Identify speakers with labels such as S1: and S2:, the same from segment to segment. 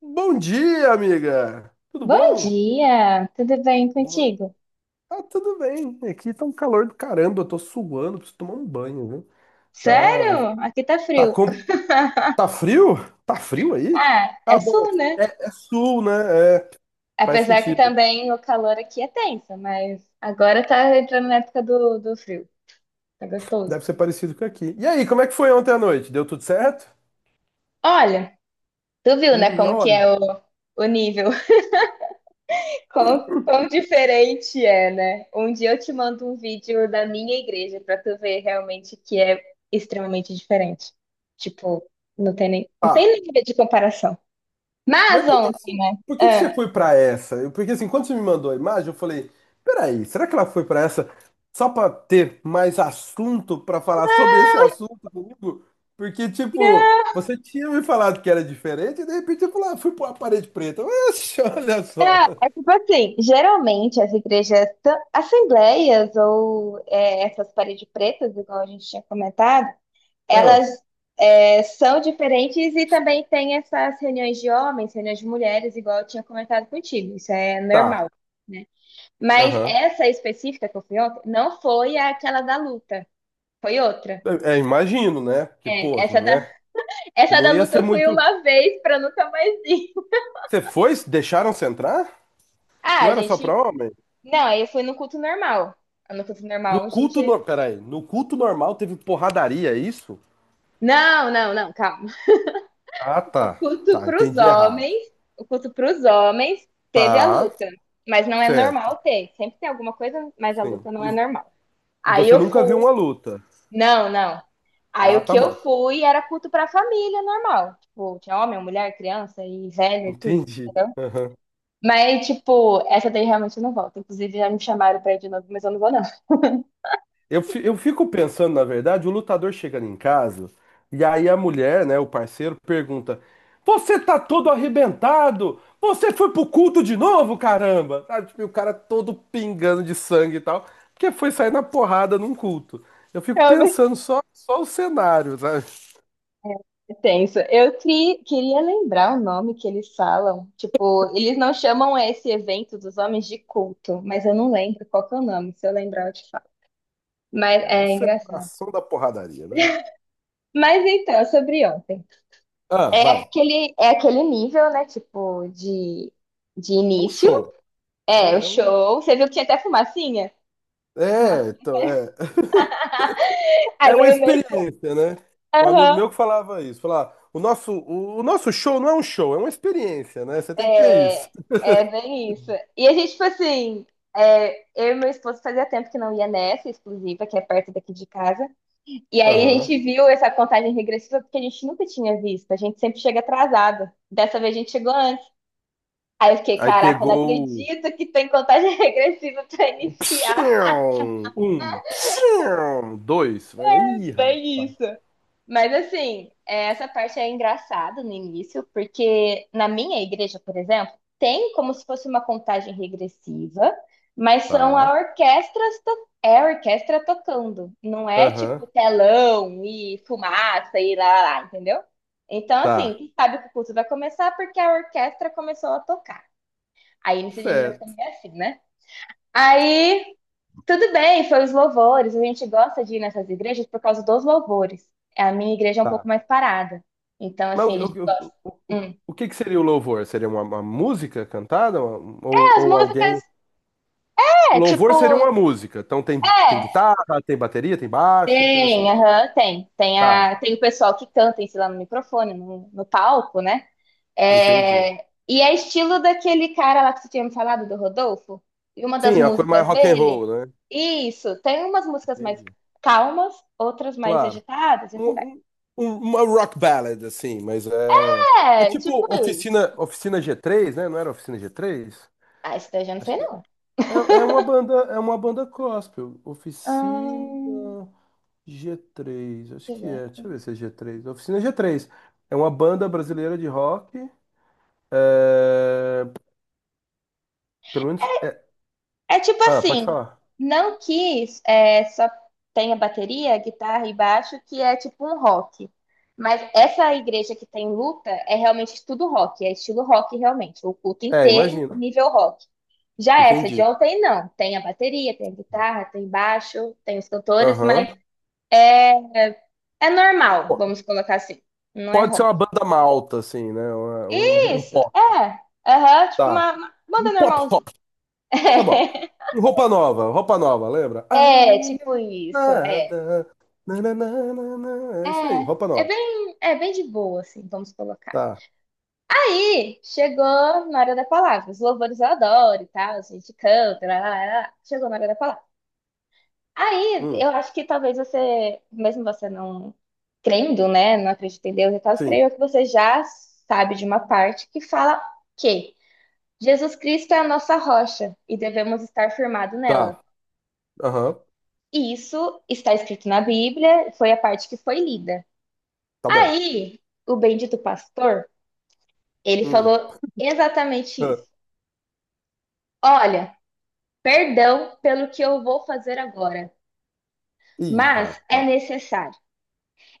S1: Bom dia, amiga! Tudo
S2: Bom
S1: bom?
S2: dia, tudo bem
S1: Bom-
S2: contigo?
S1: Tá tudo bem. Aqui tá um calor do caramba, eu tô suando, preciso tomar um banho, viu? Tá,
S2: Sério? Aqui tá
S1: tá,
S2: frio.
S1: com... tá frio? Tá frio aí?
S2: Ah,
S1: Ah,
S2: é
S1: bom,
S2: sul, né?
S1: É sul, né? É, faz
S2: Apesar que
S1: sentido.
S2: também o calor aqui é tenso, mas agora tá entrando na época do frio. Tá gostoso.
S1: Deve ser parecido com aqui. E aí, como é que foi ontem à noite? Deu tudo certo?
S2: Olha, tu viu, né, como que
S1: Olha.
S2: é o nível? Quão diferente é, né? Um dia eu te mando um vídeo da minha igreja pra tu ver realmente que é extremamente diferente. Tipo, não tem nem, não tem
S1: Tá.
S2: nem nível de comparação.
S1: Mas
S2: Mas,
S1: por que que,
S2: ontem,
S1: você- por que que você
S2: ah,
S1: foi pra essa? Porque assim, quando você me mandou a imagem, eu falei: peraí, será que ela foi pra essa só pra ter mais assunto pra falar sobre esse assunto comigo? Porque, tipo, você tinha me falado que era diferente e de repente eu falei: ah, fui pra uma parede preta. Oxe, olha só.
S2: É, é tipo assim, geralmente as igrejas, assembleias ou essas paredes pretas, igual a gente tinha comentado,
S1: Ah,
S2: elas são diferentes e também tem essas reuniões de homens, reuniões de mulheres, igual eu tinha comentado contigo, isso é
S1: tá.
S2: normal, né? Mas
S1: Aham.
S2: essa específica que eu fui ontem não foi aquela da luta, foi outra.
S1: Imagino, né? Que, pô,
S2: É,
S1: né?
S2: essa
S1: Não
S2: da
S1: ia
S2: luta
S1: ser
S2: eu fui
S1: muito.
S2: uma vez pra nunca mais ir.
S1: Você foi? Deixaram você entrar?
S2: Ah,
S1: Não era só pra homem?
S2: não, aí eu fui no culto normal. No culto
S1: No
S2: normal, a gente
S1: culto, no... peraí, no culto normal teve porradaria, é isso?
S2: Não, não, não, calma.
S1: Ah,
S2: O
S1: tá.
S2: culto
S1: Tá,
S2: para os
S1: entendi errado.
S2: homens, o culto para os homens teve a
S1: Tá,
S2: luta, mas não é
S1: certo.
S2: normal ter. Sempre tem alguma coisa, mas a
S1: Sim.
S2: luta não
S1: E,
S2: é normal.
S1: e
S2: Aí
S1: você
S2: eu
S1: nunca viu
S2: fui,
S1: uma luta?
S2: não, não. Aí
S1: Ah,
S2: o que
S1: tá
S2: eu
S1: bom.
S2: fui era culto para a família normal. Tipo, tinha homem, mulher, criança e velho e tudo.
S1: Entendi. Aham.
S2: Mas, tipo, essa daí realmente eu não volto. Inclusive, já me chamaram pra ir de novo, mas eu não vou, não.
S1: Eu fico pensando, na verdade, o lutador chegando em casa e aí a mulher, né, o parceiro, pergunta: você tá todo arrebentado? Você foi pro culto de novo, caramba? Sabe, tipo, e o cara todo pingando de sangue e tal, porque foi sair na porrada num culto. Eu fico pensando só, só o cenário, sabe?
S2: É tenso. Eu queria lembrar o nome que eles falam. Tipo, eles não chamam esse evento dos homens de culto, mas eu não lembro qual que é o nome. Se eu lembrar, eu te falo. Mas
S1: É uma
S2: é engraçado.
S1: celebração da porradaria, né?
S2: Mas então, sobre ontem.
S1: Ah,
S2: É
S1: vai.
S2: aquele, é aquele nível, né? Tipo, de
S1: É um
S2: início.
S1: show. É, um,
S2: É, o
S1: é, um-
S2: show. Você viu que tinha até fumacinha?
S1: é,
S2: Fumacinha.
S1: então, é,
S2: Aí
S1: é uma
S2: eu
S1: experiência, né? Um amigo
S2: mesmo.
S1: meu que falava isso, falava, o nosso show não é um show, é uma experiência, né? Você tem que ver
S2: É,
S1: isso.
S2: é bem isso. E a gente, tipo assim, eu e meu esposo fazia tempo que não ia nessa exclusiva, que é perto daqui de casa. E aí a
S1: Aham.
S2: gente viu essa contagem regressiva porque a gente nunca tinha visto. A gente sempre chega atrasado. Dessa vez a gente chegou antes. Aí eu fiquei,
S1: Aí
S2: caraca, eu não
S1: pegou
S2: acredito que tem contagem regressiva pra
S1: o
S2: iniciar.
S1: psiu, um, psiu, dois. Ih,
S2: Bem
S1: rapaz.
S2: isso. Mas assim, essa parte é engraçada no início, porque na minha igreja, por exemplo, tem como se fosse uma contagem regressiva, mas são
S1: Tá.
S2: a orquestra tocando, não é tipo
S1: Aham.
S2: telão e fumaça e lá, lá, lá, entendeu? Então,
S1: Tá.
S2: assim, sabe que o culto vai começar porque a orquestra começou a tocar. Aí nisso a gente já fica
S1: Certo.
S2: meio assim, né? Aí tudo bem, foi os louvores. A gente gosta de ir nessas igrejas por causa dos louvores. A minha igreja é um
S1: Tá.
S2: pouco mais parada. Então,
S1: Mas o,
S2: assim, a gente
S1: o,
S2: gosta.
S1: o, o,
S2: Hum.
S1: o que que seria o louvor? Seria uma música cantada? Uma- ou,
S2: É, as
S1: ou
S2: músicas,
S1: alguém.
S2: é,
S1: Louvor seria
S2: tipo,
S1: uma música. Então tem, tem
S2: é,
S1: guitarra, tem bateria, tem baixo e coisa assim.
S2: tem, aham, tem. Tem,
S1: Tá,
S2: a, tem o pessoal que canta em si lá no microfone, no palco, né?
S1: entendi.
S2: É, e é estilo daquele cara lá que você tinha me falado, do Rodolfo. E uma das
S1: Sim, é uma coisa mais
S2: músicas
S1: rock and roll,
S2: dele.
S1: né?
S2: Isso, tem umas músicas mais
S1: Entendi.
S2: calmas, outras mais
S1: Claro.
S2: agitadas, e assim vai.
S1: Um- um- uma rock ballad, assim, mas é. É
S2: É,
S1: tipo
S2: tipo isso.
S1: Oficina, Oficina g três, né? Não era Oficina g três?
S2: Ah, isso daí eu já não
S1: Acho
S2: sei,
S1: que
S2: não.
S1: é, é uma banda gospel. Oficina
S2: Hum,
S1: g três, acho
S2: deixa
S1: que
S2: eu
S1: é. Deixa eu ver
S2: ver.
S1: se é g três, Oficina g três. É uma banda brasileira de rock. É, pelo menos.
S2: É tipo
S1: Ah, pode
S2: assim,
S1: falar.
S2: não que é, só tenha bateria, guitarra e baixo, que é tipo um rock. Mas essa igreja que tem luta é realmente tudo rock, é estilo rock realmente, o culto
S1: É,
S2: inteiro,
S1: imagino.
S2: nível rock. Já essa de
S1: Entendi.
S2: ontem, não. Tem a bateria, tem a guitarra, tem baixo, tem os cantores, mas
S1: Aham.
S2: é, é normal,
S1: Po-
S2: vamos colocar assim. Não é
S1: Pode ser
S2: rock.
S1: uma banda malta, assim, né? Um
S2: Isso,
S1: pop.
S2: é. Aham, tipo
S1: Tá.
S2: uma
S1: Um
S2: banda
S1: pop
S2: normal,
S1: rock. Tá bom. Um roupa nova, lembra? A
S2: É,
S1: minha
S2: tipo isso, é.
S1: nada. Nananana. É isso aí, roupa
S2: É, é
S1: nova.
S2: bem, é bem de boa, assim, vamos colocar.
S1: Tá.
S2: Aí, chegou na hora da palavra. Os louvores eu adoro e tal, a gente canta, lá, lá, lá, lá. Chegou na hora da palavra. Aí,
S1: Hum,
S2: eu acho que talvez você, mesmo você não crendo, né, não acredita em Deus e tal,
S1: sim.
S2: creio que você já sabe de uma parte que fala que Jesus Cristo é a nossa rocha e devemos estar firmado nela.
S1: Tá. Aham.
S2: E isso está escrito na Bíblia, foi a parte que foi lida.
S1: Tá bom.
S2: Aí, o bendito pastor, ele
S1: Hum.
S2: falou exatamente
S1: Ah.
S2: isso. Olha, perdão pelo que eu vou fazer agora,
S1: Ih,
S2: mas é
S1: rapaz.
S2: necessário.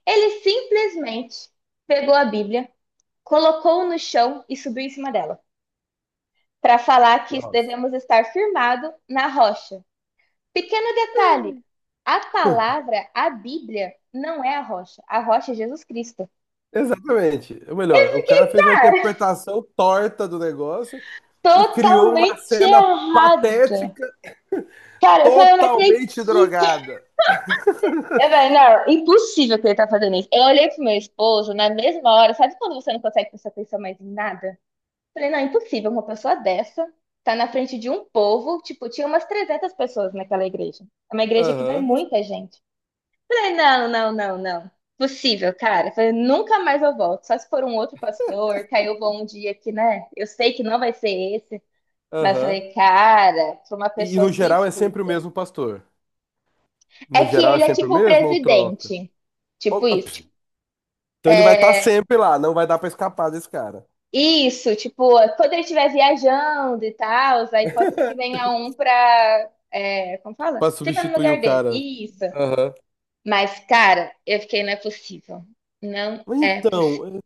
S2: Ele simplesmente pegou a Bíblia, colocou no chão e subiu em cima dela, para falar que
S1: Nossa.
S2: devemos estar firmado na rocha. Pequeno
S1: É,
S2: detalhe, a palavra, a Bíblia, não é a rocha. A rocha é Jesus Cristo.
S1: exatamente. Ou melhor, o cara fez uma interpretação torta do negócio e criou uma
S2: Totalmente
S1: cena
S2: errada.
S1: patética
S2: Cara, eu falei, eu não
S1: totalmente
S2: acredito.
S1: drogada.
S2: Eu falei, não, impossível que ele tá fazendo isso. Eu olhei pro meu esposo na mesma hora, sabe quando você não consegue prestar atenção mais em nada? Eu falei, não, impossível, uma pessoa dessa tá na frente de um povo, tipo, tinha umas 300 pessoas naquela igreja. É uma igreja que vai
S1: Aham,
S2: muita gente. Eu falei, não, não, não, não. Possível, cara. Eu falei, nunca mais eu volto. Só se for um outro pastor, que aí eu vou um dia que, né? Eu sei que não vai ser esse. Mas eu
S1: aham.
S2: falei, cara, pra uma
S1: E
S2: pessoa
S1: no
S2: que
S1: geral é sempre o
S2: estuda
S1: mesmo pastor?
S2: É
S1: No
S2: que
S1: geral é
S2: ele é
S1: sempre o
S2: tipo o
S1: mesmo ou troca?
S2: presidente. Tipo
S1: Ou- ah,
S2: isso,
S1: pf,
S2: tipo,
S1: Então ele vai estar
S2: é,
S1: sempre lá, não vai dar pra escapar desse cara.
S2: isso, tipo, quando ele estiver viajando e tal, aí pode ser que venha um pra, como fala?
S1: Pra
S2: Fica no
S1: substituir o
S2: lugar dele.
S1: cara.
S2: Isso.
S1: Aham.
S2: Mas, cara, eu fiquei, não é possível. Não
S1: Mas
S2: é possível.
S1: então,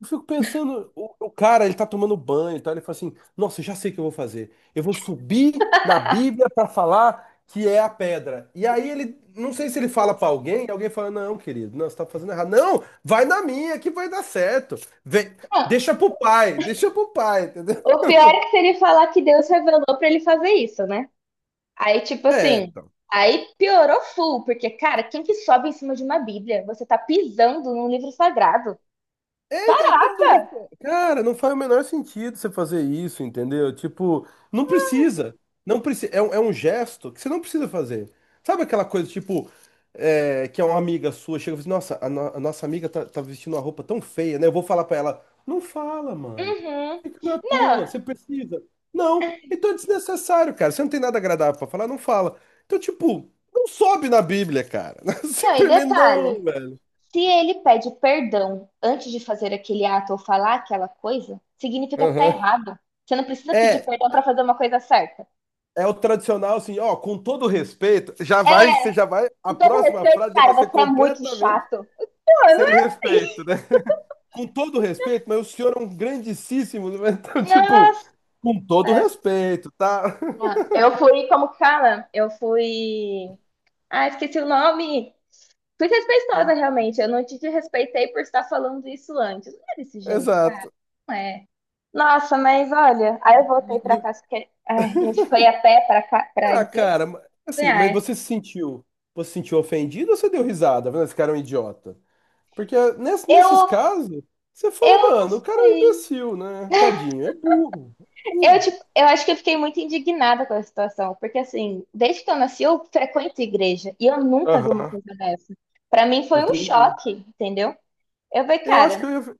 S1: eu fico pensando, o cara, ele tá tomando banho e tal, ele fala assim, nossa, eu já sei o que eu vou fazer. Eu vou subir na Bíblia para falar que é a pedra. E aí ele, não sei se ele fala para alguém, e alguém fala, não, querido, não, você tá fazendo errado. Não, vai na minha que vai dar certo. Vem,
S2: Não,
S1: deixa pro pai, entendeu?
S2: o pior é que se ele falar que Deus revelou pra ele fazer isso, né? Aí, tipo
S1: É.
S2: assim, aí piorou full, porque, cara, quem que sobe em cima de uma Bíblia? Você tá pisando num livro sagrado.
S1: Cara, não faz o menor sentido você fazer isso, entendeu? Tipo, não precisa. Não precisa. É um gesto que você não precisa fazer. Sabe aquela coisa, tipo, é, que é uma amiga sua, chega e fala assim, nossa, a, no- a nossa amiga tá, tá vestindo uma roupa tão feia, né? Eu vou falar pra ela, não fala, mano.
S2: Uhum.
S1: Fica na tua,
S2: Não,
S1: você precisa. Não, então é desnecessário, cara. Você não tem nada agradável pra falar, não fala. Então, tipo, não sobe na Bíblia, cara.
S2: não, e
S1: Simplesmente não,
S2: detalhe,
S1: velho.
S2: se ele pede perdão antes de fazer aquele ato ou falar aquela coisa, significa que tá
S1: Aham.
S2: errado. Você não precisa pedir
S1: É,
S2: perdão pra fazer uma coisa certa.
S1: é o tradicional assim, ó, com todo respeito, já vai, você já vai, a
S2: Com todo
S1: próxima
S2: respeito,
S1: frase já
S2: cara,
S1: vai ser
S2: você é muito
S1: completamente
S2: chato. Mano,
S1: sem respeito, né? Com todo respeito, mas o senhor é um grandíssimo, né? então, tipo,
S2: nossa!
S1: com todo respeito, tá?
S2: Não, eu fui, como que fala? Eu fui. Ah, esqueci o nome. Fui respeitosa, realmente. Eu não te respeitei por estar falando isso antes. Não é desse jeito,
S1: Exato.
S2: é. Nossa, mas olha, aí eu
S1: E-
S2: voltei
S1: e-
S2: pra
S1: e-
S2: casa porque ai, a gente foi a pé pra cá, pra igreja.
S1: cara, assim, mas
S2: É.
S1: você se sentiu ofendido ou você deu risada? Vendo, esse cara é um idiota. Porque nesses
S2: Eu,
S1: casos, você fala,
S2: eu não
S1: mano, o cara é um
S2: sei.
S1: imbecil, né? Tadinho, é burro, é
S2: Eu,
S1: burro.
S2: tipo, eu acho que eu fiquei muito indignada com a situação, porque assim, desde que eu nasci, eu frequento igreja e eu nunca vi uma
S1: Aham,
S2: coisa dessa. Pra mim foi um
S1: entendi.
S2: choque, entendeu? Eu falei,
S1: Eu acho
S2: cara,
S1: que eu ia,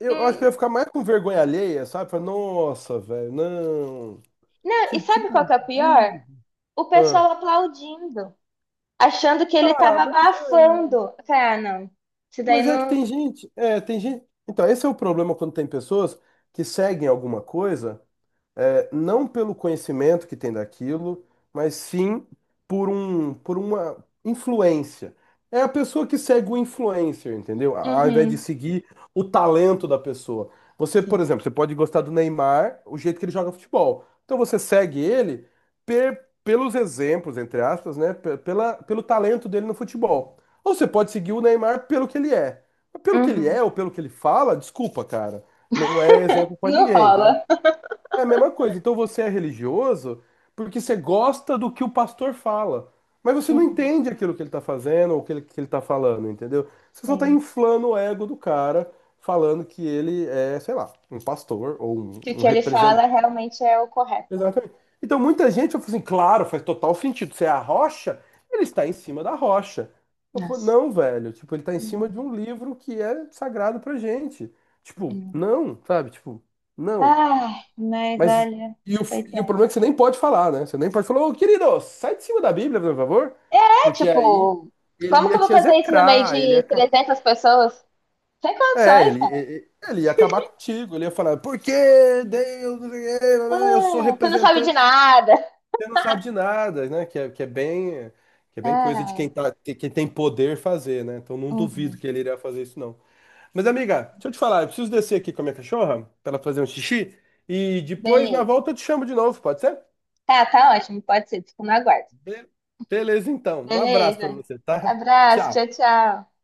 S1: eu acho que eu
S2: hum,
S1: ia ficar mais com vergonha alheia, sabe? Falar, nossa, velho, não.
S2: não, e
S1: Que
S2: sabe qual
S1: burro.
S2: que é o pior?
S1: Burro."
S2: O
S1: Ah,
S2: pessoal aplaudindo, achando que ele
S1: ah,
S2: tava abafando. Eu falei, ah, não. Isso daí
S1: mas é que
S2: não.
S1: tem gente. É, tem gente. Então, esse é o problema quando tem pessoas que seguem alguma coisa. É, não pelo conhecimento que tem daquilo, mas sim por uma influência. É a pessoa que segue o influencer, entendeu? Ao invés de
S2: Uhum.
S1: seguir o talento da pessoa. Você, por exemplo, você pode gostar do Neymar, o jeito que ele joga futebol. Então você segue ele pelos exemplos, entre aspas, né? Pelo talento dele no futebol. Ou você pode seguir o Neymar pelo que ele é. Mas pelo que ele
S2: Uhum.
S1: é ou pelo que ele fala, desculpa, cara. Não é exemplo pra
S2: Não
S1: ninguém, entendeu?
S2: rola.
S1: É a mesma coisa. Então você é religioso porque você gosta do que o pastor fala. Mas você não
S2: Uhum.
S1: entende aquilo que ele está fazendo ou o que ele está falando, entendeu? Você só está
S2: Sim.
S1: inflando o ego do cara, falando que ele é, sei lá, um pastor ou
S2: Que o
S1: um
S2: que ele
S1: representante.
S2: fala realmente é o correto, né?
S1: Exatamente. Então muita gente fala assim, claro, faz total sentido. Você é a rocha, ele está em cima da rocha. Eu falo,
S2: Nossa.
S1: não, velho. Tipo, ele está em cima
S2: Uhum.
S1: de um livro que é sagrado pra gente. Tipo,
S2: Uhum.
S1: não, sabe? Tipo, não.
S2: Ai, mas
S1: Mas
S2: olha,
S1: e o,
S2: foi
S1: e o
S2: tenso.
S1: problema é que você nem pode falar, né? Você nem pode falar, ô querido, sai de cima da Bíblia, por favor.
S2: É
S1: Porque aí
S2: tipo,
S1: ele
S2: como que
S1: ia
S2: eu vou
S1: te
S2: fazer isso no meio
S1: execrar,
S2: de 300 pessoas? Sem
S1: É,
S2: condições, cara.
S1: ele ia acabar contigo, ele ia falar, por que Deus, não sei o quê, eu sou
S2: Ah, tu não sabe
S1: representante,
S2: de nada.
S1: você não sabe de nada, né? Que é bem coisa de quem
S2: Ah,
S1: tá, quem tem poder fazer, né? Então não duvido
S2: uhum.
S1: que ele iria fazer isso, não. Mas, amiga, deixa eu te falar, eu preciso descer aqui com a minha cachorra pra ela fazer um xixi e depois na
S2: Beleza.
S1: volta eu te chamo de novo, pode ser?
S2: Tá, tá ótimo, pode ser. Fico no aguardo.
S1: Be- beleza, então. Um abraço para
S2: Beleza.
S1: você, tá?
S2: Abraço, tchau,
S1: Tchau.
S2: tchau.